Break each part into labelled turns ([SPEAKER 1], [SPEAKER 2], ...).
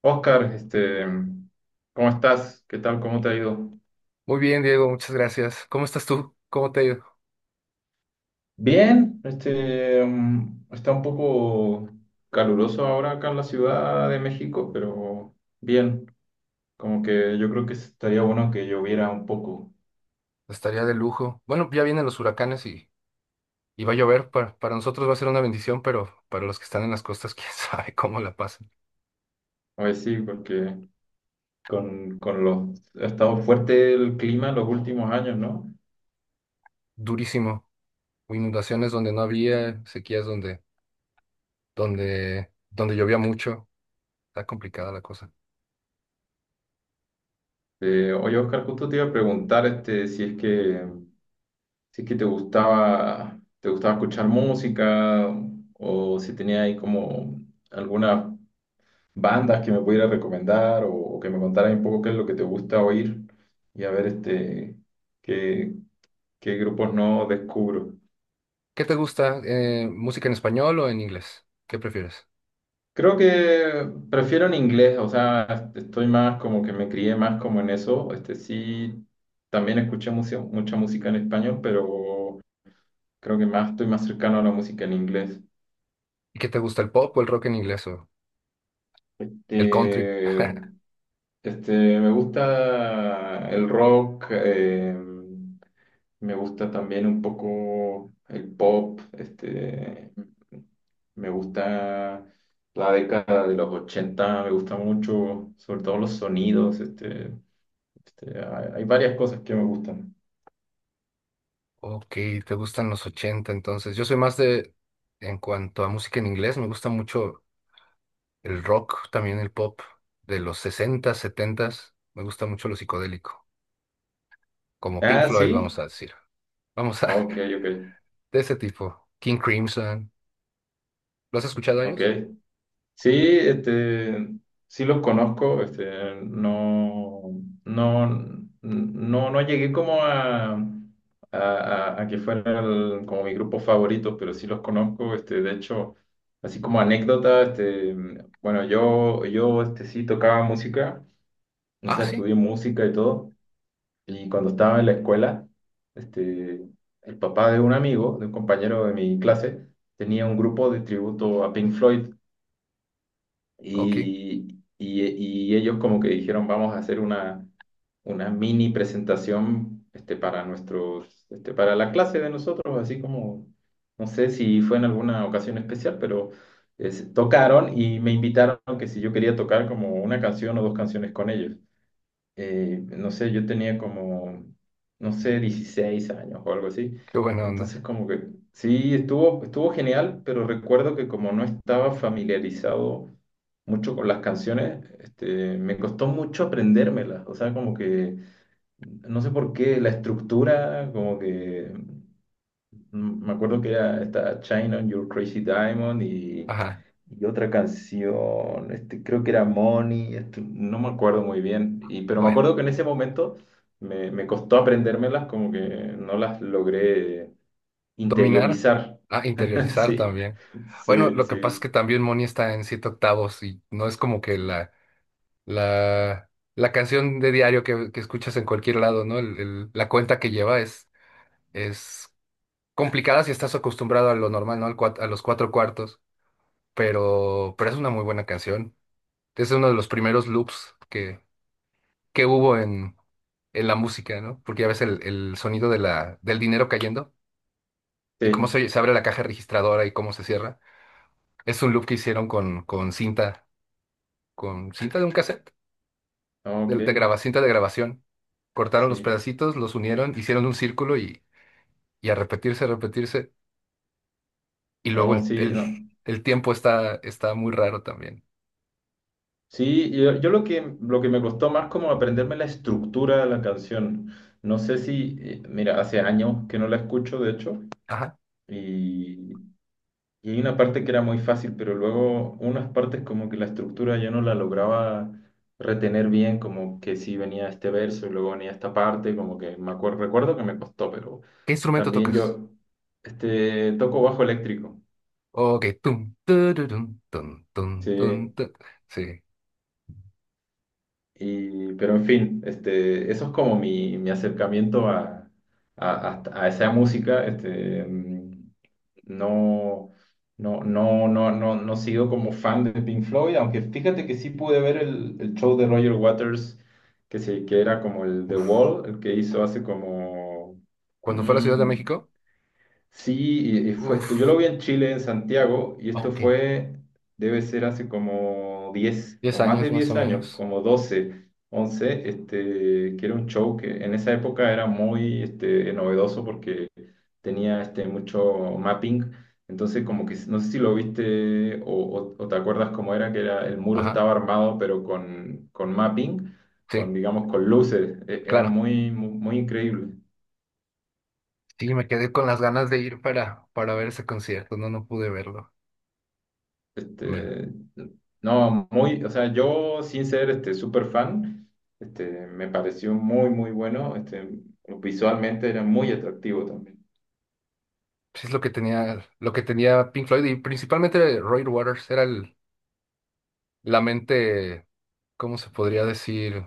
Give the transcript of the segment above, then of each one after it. [SPEAKER 1] Oscar, ¿cómo estás? ¿Qué tal? ¿Cómo te ha ido?
[SPEAKER 2] Muy bien, Diego, muchas gracias. ¿Cómo estás tú? ¿Cómo te ha ido?
[SPEAKER 1] Bien, está un poco caluroso ahora acá en la Ciudad de México, pero bien, como que yo creo que estaría bueno que lloviera un poco.
[SPEAKER 2] Estaría de lujo. Bueno, ya vienen los huracanes y va a llover. Para nosotros va a ser una bendición, pero para los que están en las costas, quién sabe cómo la pasan.
[SPEAKER 1] A ver si porque ha estado fuerte el clima en los últimos años, ¿no?
[SPEAKER 2] Durísimo. Inundaciones donde no había, sequías donde llovía mucho. Está complicada la cosa.
[SPEAKER 1] Oye, Oscar, justo te iba a preguntar si es que te gustaba escuchar música o si tenía ahí como algunas bandas que me pudiera recomendar o que me contara un poco qué es lo que te gusta oír y a ver qué, qué grupos no descubro.
[SPEAKER 2] ¿Qué te gusta? ¿Música en español o en inglés? ¿Qué prefieres?
[SPEAKER 1] Creo que prefiero en inglés, o sea, estoy más como que me crié más como en eso. Este sí, también escuché mucha música en español, pero creo que más estoy más cercano a la música en inglés.
[SPEAKER 2] ¿Y qué te gusta, el pop o el rock en inglés o
[SPEAKER 1] Este,
[SPEAKER 2] el country?
[SPEAKER 1] me gusta el rock, me gusta también un poco el pop, me gusta la década de los 80 me gusta mucho, sobre todo los sonidos, hay varias cosas que me gustan.
[SPEAKER 2] Ok, te gustan los 80, entonces. Yo soy más de, en cuanto a música en inglés, me gusta mucho el rock, también el pop de los 60, 70. Me gusta mucho lo psicodélico, como Pink
[SPEAKER 1] Ah,
[SPEAKER 2] Floyd,
[SPEAKER 1] sí,
[SPEAKER 2] vamos a decir. Vamos a,
[SPEAKER 1] ok, ok,
[SPEAKER 2] de ese tipo. King Crimson. ¿Lo has escuchado a
[SPEAKER 1] ok.
[SPEAKER 2] ellos?
[SPEAKER 1] Sí, este, sí los conozco, no llegué como a que fueran como mi grupo favorito, pero sí los conozco, de hecho, así como anécdota, bueno, sí tocaba música, o
[SPEAKER 2] Ah,
[SPEAKER 1] sea,
[SPEAKER 2] sí.
[SPEAKER 1] estudié música y todo, y cuando estaba en la escuela, este, el papá de un amigo, de un compañero de mi clase, tenía un grupo de tributo a Pink Floyd,
[SPEAKER 2] Ok,
[SPEAKER 1] y, y ellos como que dijeron, vamos a hacer una mini presentación para nuestros, para la clase de nosotros, así como, no sé si fue en alguna ocasión especial, pero tocaron y me invitaron que si yo quería tocar como una canción o dos canciones con ellos. No sé, yo tenía como, no sé, 16 años o algo así.
[SPEAKER 2] qué buena onda.
[SPEAKER 1] Entonces como que sí, estuvo genial, pero recuerdo que como no estaba familiarizado, mucho con las canciones, me costó mucho aprendérmelas, o sea, como que, no sé por qué, la estructura, como que, mm, me acuerdo que era esta China on Your Crazy Diamond
[SPEAKER 2] Ajá,
[SPEAKER 1] y otra canción, creo que era Money, no me acuerdo muy bien, y, pero me
[SPEAKER 2] bueno.
[SPEAKER 1] acuerdo que en ese momento me costó aprendérmelas, como que no las logré
[SPEAKER 2] Dominar.
[SPEAKER 1] interiorizar.
[SPEAKER 2] Ah, interiorizar
[SPEAKER 1] Sí,
[SPEAKER 2] también. Bueno,
[SPEAKER 1] sí,
[SPEAKER 2] lo que pasa es
[SPEAKER 1] sí,
[SPEAKER 2] que también Moni está en siete octavos y no es como que la canción de diario que escuchas en cualquier lado, ¿no? La cuenta que lleva es complicada si estás acostumbrado a lo normal, ¿no? A los cuatro cuartos, pero es una muy buena canción. Es uno de los primeros loops que hubo en la música, ¿no? Porque ya ves el sonido de la, del dinero cayendo y cómo
[SPEAKER 1] sí,
[SPEAKER 2] se abre la caja registradora y cómo se cierra. Es un loop que hicieron con cinta, con cinta de un cassette.
[SPEAKER 1] ok,
[SPEAKER 2] De graba- cinta de grabación. Cortaron los
[SPEAKER 1] sí.
[SPEAKER 2] pedacitos, los unieron, hicieron un círculo y a repetirse, a repetirse. Y luego
[SPEAKER 1] No,
[SPEAKER 2] el,
[SPEAKER 1] sí,
[SPEAKER 2] el,
[SPEAKER 1] no.
[SPEAKER 2] el tiempo está muy raro también.
[SPEAKER 1] Sí, yo lo que me costó más como aprenderme la estructura de la canción. No sé si, mira, hace años que no la escucho, de hecho,
[SPEAKER 2] Ajá.
[SPEAKER 1] y, y hay una parte que era muy fácil, pero luego unas partes como que la estructura yo no la lograba retener bien, como que sí venía este verso y luego venía esta parte, como que recuerdo que me costó, pero
[SPEAKER 2] ¿Qué instrumento
[SPEAKER 1] también
[SPEAKER 2] tocas?
[SPEAKER 1] toco bajo eléctrico.
[SPEAKER 2] Ok, tum, tururum, tum, tum,
[SPEAKER 1] Sí,
[SPEAKER 2] tum, tu- Sí.
[SPEAKER 1] y, pero en fin, eso es como mi acercamiento a esa música. No, no sigo como fan de Pink Floyd, aunque fíjate que sí pude ver el show de Roger Waters, que era como el The
[SPEAKER 2] Uf.
[SPEAKER 1] Wall, el que hizo hace como,
[SPEAKER 2] Cuando fue a la Ciudad de
[SPEAKER 1] mm,
[SPEAKER 2] México,
[SPEAKER 1] sí, y fue
[SPEAKER 2] uf,
[SPEAKER 1] esto. Yo lo vi en Chile, en Santiago, y esto
[SPEAKER 2] ok,
[SPEAKER 1] fue, debe ser hace como 10
[SPEAKER 2] 10
[SPEAKER 1] o más
[SPEAKER 2] años
[SPEAKER 1] de
[SPEAKER 2] más o
[SPEAKER 1] 10 años,
[SPEAKER 2] menos.
[SPEAKER 1] como 12, 11. Que era un show que en esa época era muy novedoso porque tenía mucho mapping. Entonces, como que no sé si lo viste o te acuerdas cómo era, que era, el muro
[SPEAKER 2] Ajá.
[SPEAKER 1] estaba armado, pero con mapping, con,
[SPEAKER 2] Sí,
[SPEAKER 1] digamos, con luces. Era
[SPEAKER 2] claro.
[SPEAKER 1] muy, muy, muy increíble.
[SPEAKER 2] Sí, me quedé con las ganas de ir para ver ese concierto. No, no pude verlo. Me
[SPEAKER 1] Este, no, muy, o sea, yo sin ser este súper fan, me pareció muy, muy bueno. Visualmente era muy atractivo también.
[SPEAKER 2] pues es lo que tenía Pink Floyd y principalmente Roy Waters era la mente, ¿cómo se podría decir?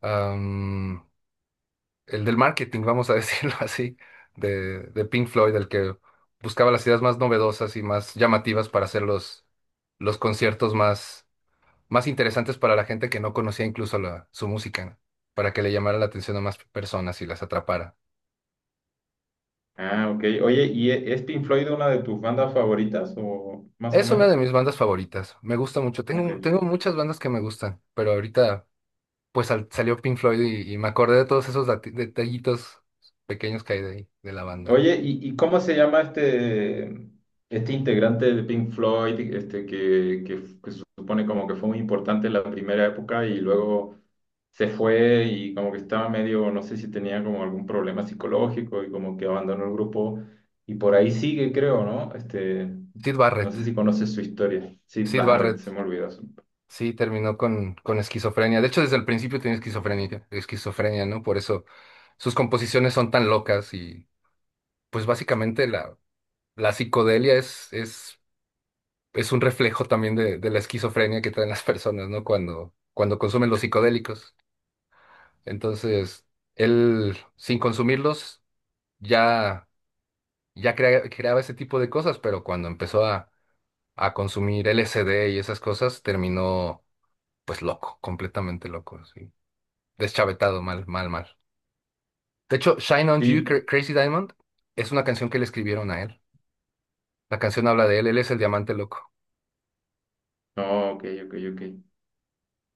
[SPEAKER 2] Am, el del marketing, vamos a decirlo así, de Pink Floyd, el que buscaba las ideas más novedosas y más llamativas para hacer los conciertos más interesantes para la gente que no conocía incluso la, su música, ¿no? Para que le llamara la atención a más personas y las atrapara.
[SPEAKER 1] Ah, ok. Oye, ¿y es Pink Floyd una de tus bandas favoritas o más o
[SPEAKER 2] Es una
[SPEAKER 1] menos?
[SPEAKER 2] de mis bandas favoritas, me gusta mucho.
[SPEAKER 1] Ok.
[SPEAKER 2] Tengo, tengo muchas bandas que me gustan, pero ahorita... pues sal- salió Pink Floyd y me acordé de todos esos dati- detallitos pequeños que hay de, ahí de la banda.
[SPEAKER 1] Oye, ¿y cómo se llama este integrante de Pink Floyd, que se supone como que fue muy importante en la primera época y luego se fue y como que estaba medio, no sé si tenía como algún problema psicológico y como que abandonó el grupo y por ahí sigue, creo, ¿no?
[SPEAKER 2] Sid
[SPEAKER 1] No
[SPEAKER 2] Barrett,
[SPEAKER 1] sé si conoces su historia. Sid
[SPEAKER 2] Sid
[SPEAKER 1] Barrett, se
[SPEAKER 2] Barrett,
[SPEAKER 1] me olvidó. Su-
[SPEAKER 2] sí, terminó con esquizofrenia. De hecho, desde el principio tenía esquizofrenia, esquizofrenia, ¿no? Por eso sus composiciones son tan locas y pues básicamente la psicodelia es un reflejo también de la esquizofrenia que traen las personas, ¿no? Cuando consumen los psicodélicos. Entonces, él, sin consumirlos, ya... ya crea- creaba ese tipo de cosas, pero cuando empezó a consumir LSD y esas cosas, terminó pues loco, completamente loco, sí. Deschavetado, mal, mal, mal. De hecho, Shine on You,
[SPEAKER 1] Sí,
[SPEAKER 2] Cra- Crazy Diamond, es una canción que le escribieron a él. La canción habla de él, él es el diamante loco.
[SPEAKER 1] no, ok, ok, ok.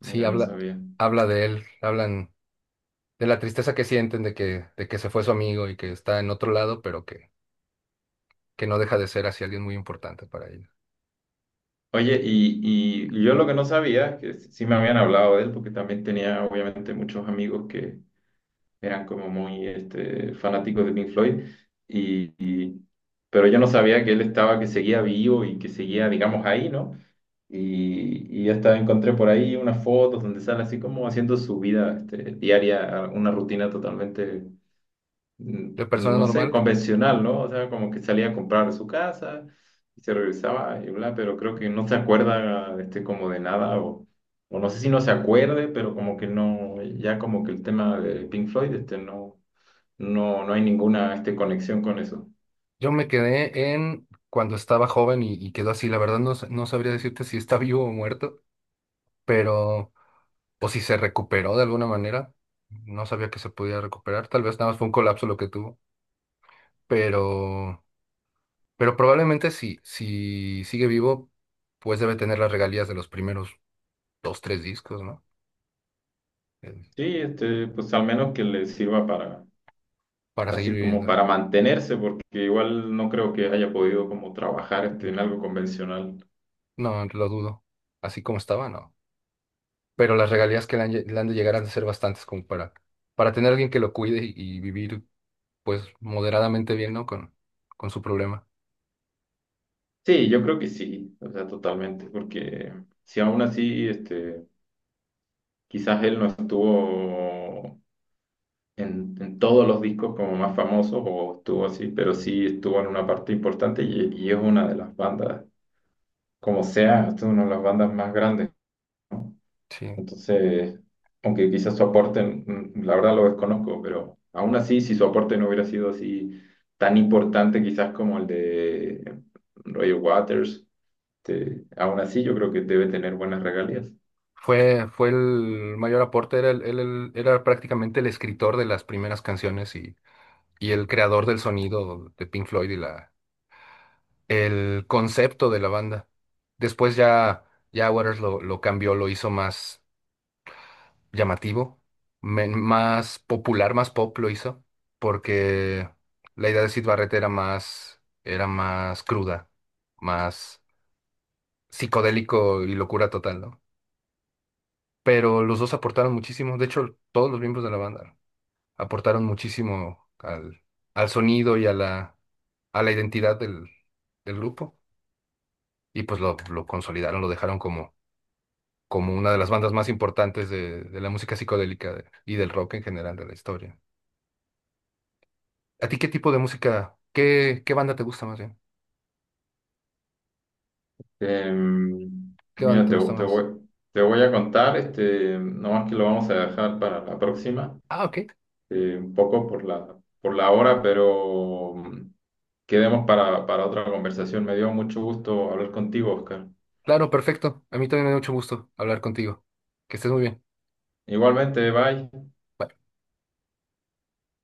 [SPEAKER 2] Sí,
[SPEAKER 1] Mira, no
[SPEAKER 2] habla,
[SPEAKER 1] sabía.
[SPEAKER 2] habla de él, hablan de la tristeza que sienten de que se fue su amigo y que está en otro lado, pero que no deja de ser así alguien muy importante para ellos.
[SPEAKER 1] Oye, y yo lo que no sabía, que sí me habían hablado de él, porque también tenía obviamente muchos amigos que eran como muy fanáticos de Pink Floyd, y, y- pero yo no sabía que él estaba, que seguía vivo y que seguía, digamos, ahí, ¿no? Y hasta encontré por ahí unas fotos donde sale así como haciendo su vida diaria, una rutina totalmente mm,
[SPEAKER 2] De persona
[SPEAKER 1] no sé,
[SPEAKER 2] normal.
[SPEAKER 1] convencional, ¿no? O sea, como que salía a comprar a su casa y se regresaba y bla, pero creo que no se acuerda como de nada o no sé si no se acuerde, pero como que no, ya como que el tema de Pink Floyd, no, no hay ninguna conexión con eso.
[SPEAKER 2] Yo me quedé en cuando estaba joven y quedó así. La verdad no, sa- no sabría decirte si está vivo o muerto, pero o si se recuperó de alguna manera. No sabía que se podía recuperar. Tal vez nada más fue un colapso lo que tuvo, pero pero probablemente si si sigue vivo, pues debe tener las regalías de los primeros dos, tres discos, ¿no? Eh,
[SPEAKER 1] Sí, pues al menos que le sirva para,
[SPEAKER 2] para seguir
[SPEAKER 1] así como
[SPEAKER 2] viviendo.
[SPEAKER 1] para mantenerse, porque igual no creo que haya podido como trabajar en algo convencional.
[SPEAKER 2] No, lo dudo. Así como estaba, no. Pero las regalías que le han, lle- le han de llegar han de ser bastantes como para tener alguien que lo cuide y vivir pues moderadamente bien, ¿no? Con su problema.
[SPEAKER 1] Sí, yo creo que sí, o sea, totalmente, porque si aún así, quizás él no estuvo en todos los discos como más famosos o estuvo así, pero sí estuvo en una parte importante y es una de las bandas, como sea, es una de las bandas más grandes.
[SPEAKER 2] Sí.
[SPEAKER 1] Entonces, aunque quizás su aporte, mm, la verdad lo desconozco, pero aún así, si su aporte no hubiera sido así tan importante quizás como el de Roger Waters. Aún así, yo creo que debe tener buenas regalías.
[SPEAKER 2] Fue el mayor aporte, era, él era prácticamente el escritor de las primeras canciones y el creador del sonido de Pink Floyd y el concepto de la banda. Después ya, ya Waters lo cambió, lo hizo más llamativo, men- más popular, más pop lo hizo, porque la idea de Syd Barrett era más cruda, más psicodélico y locura total, ¿no? Pero los dos aportaron muchísimo. De hecho, todos los miembros de la banda aportaron muchísimo al sonido y a a la identidad del grupo. Y pues lo consolidaron, lo dejaron como, como una de las bandas más importantes de la música psicodélica de- y del rock en general de la historia. ¿A ti qué tipo de música, qué, qué banda te gusta más bien? ¿Qué banda
[SPEAKER 1] Mira,
[SPEAKER 2] te gusta más?
[SPEAKER 1] te voy a contar, nomás que lo vamos a dejar para la próxima,
[SPEAKER 2] Ah, ok.
[SPEAKER 1] un poco por por la hora, pero mm, quedemos para otra conversación. Me dio mucho gusto hablar contigo, Oscar.
[SPEAKER 2] Claro, perfecto. A mí también me da mucho gusto hablar contigo. Que estés muy bien.
[SPEAKER 1] Igualmente, bye.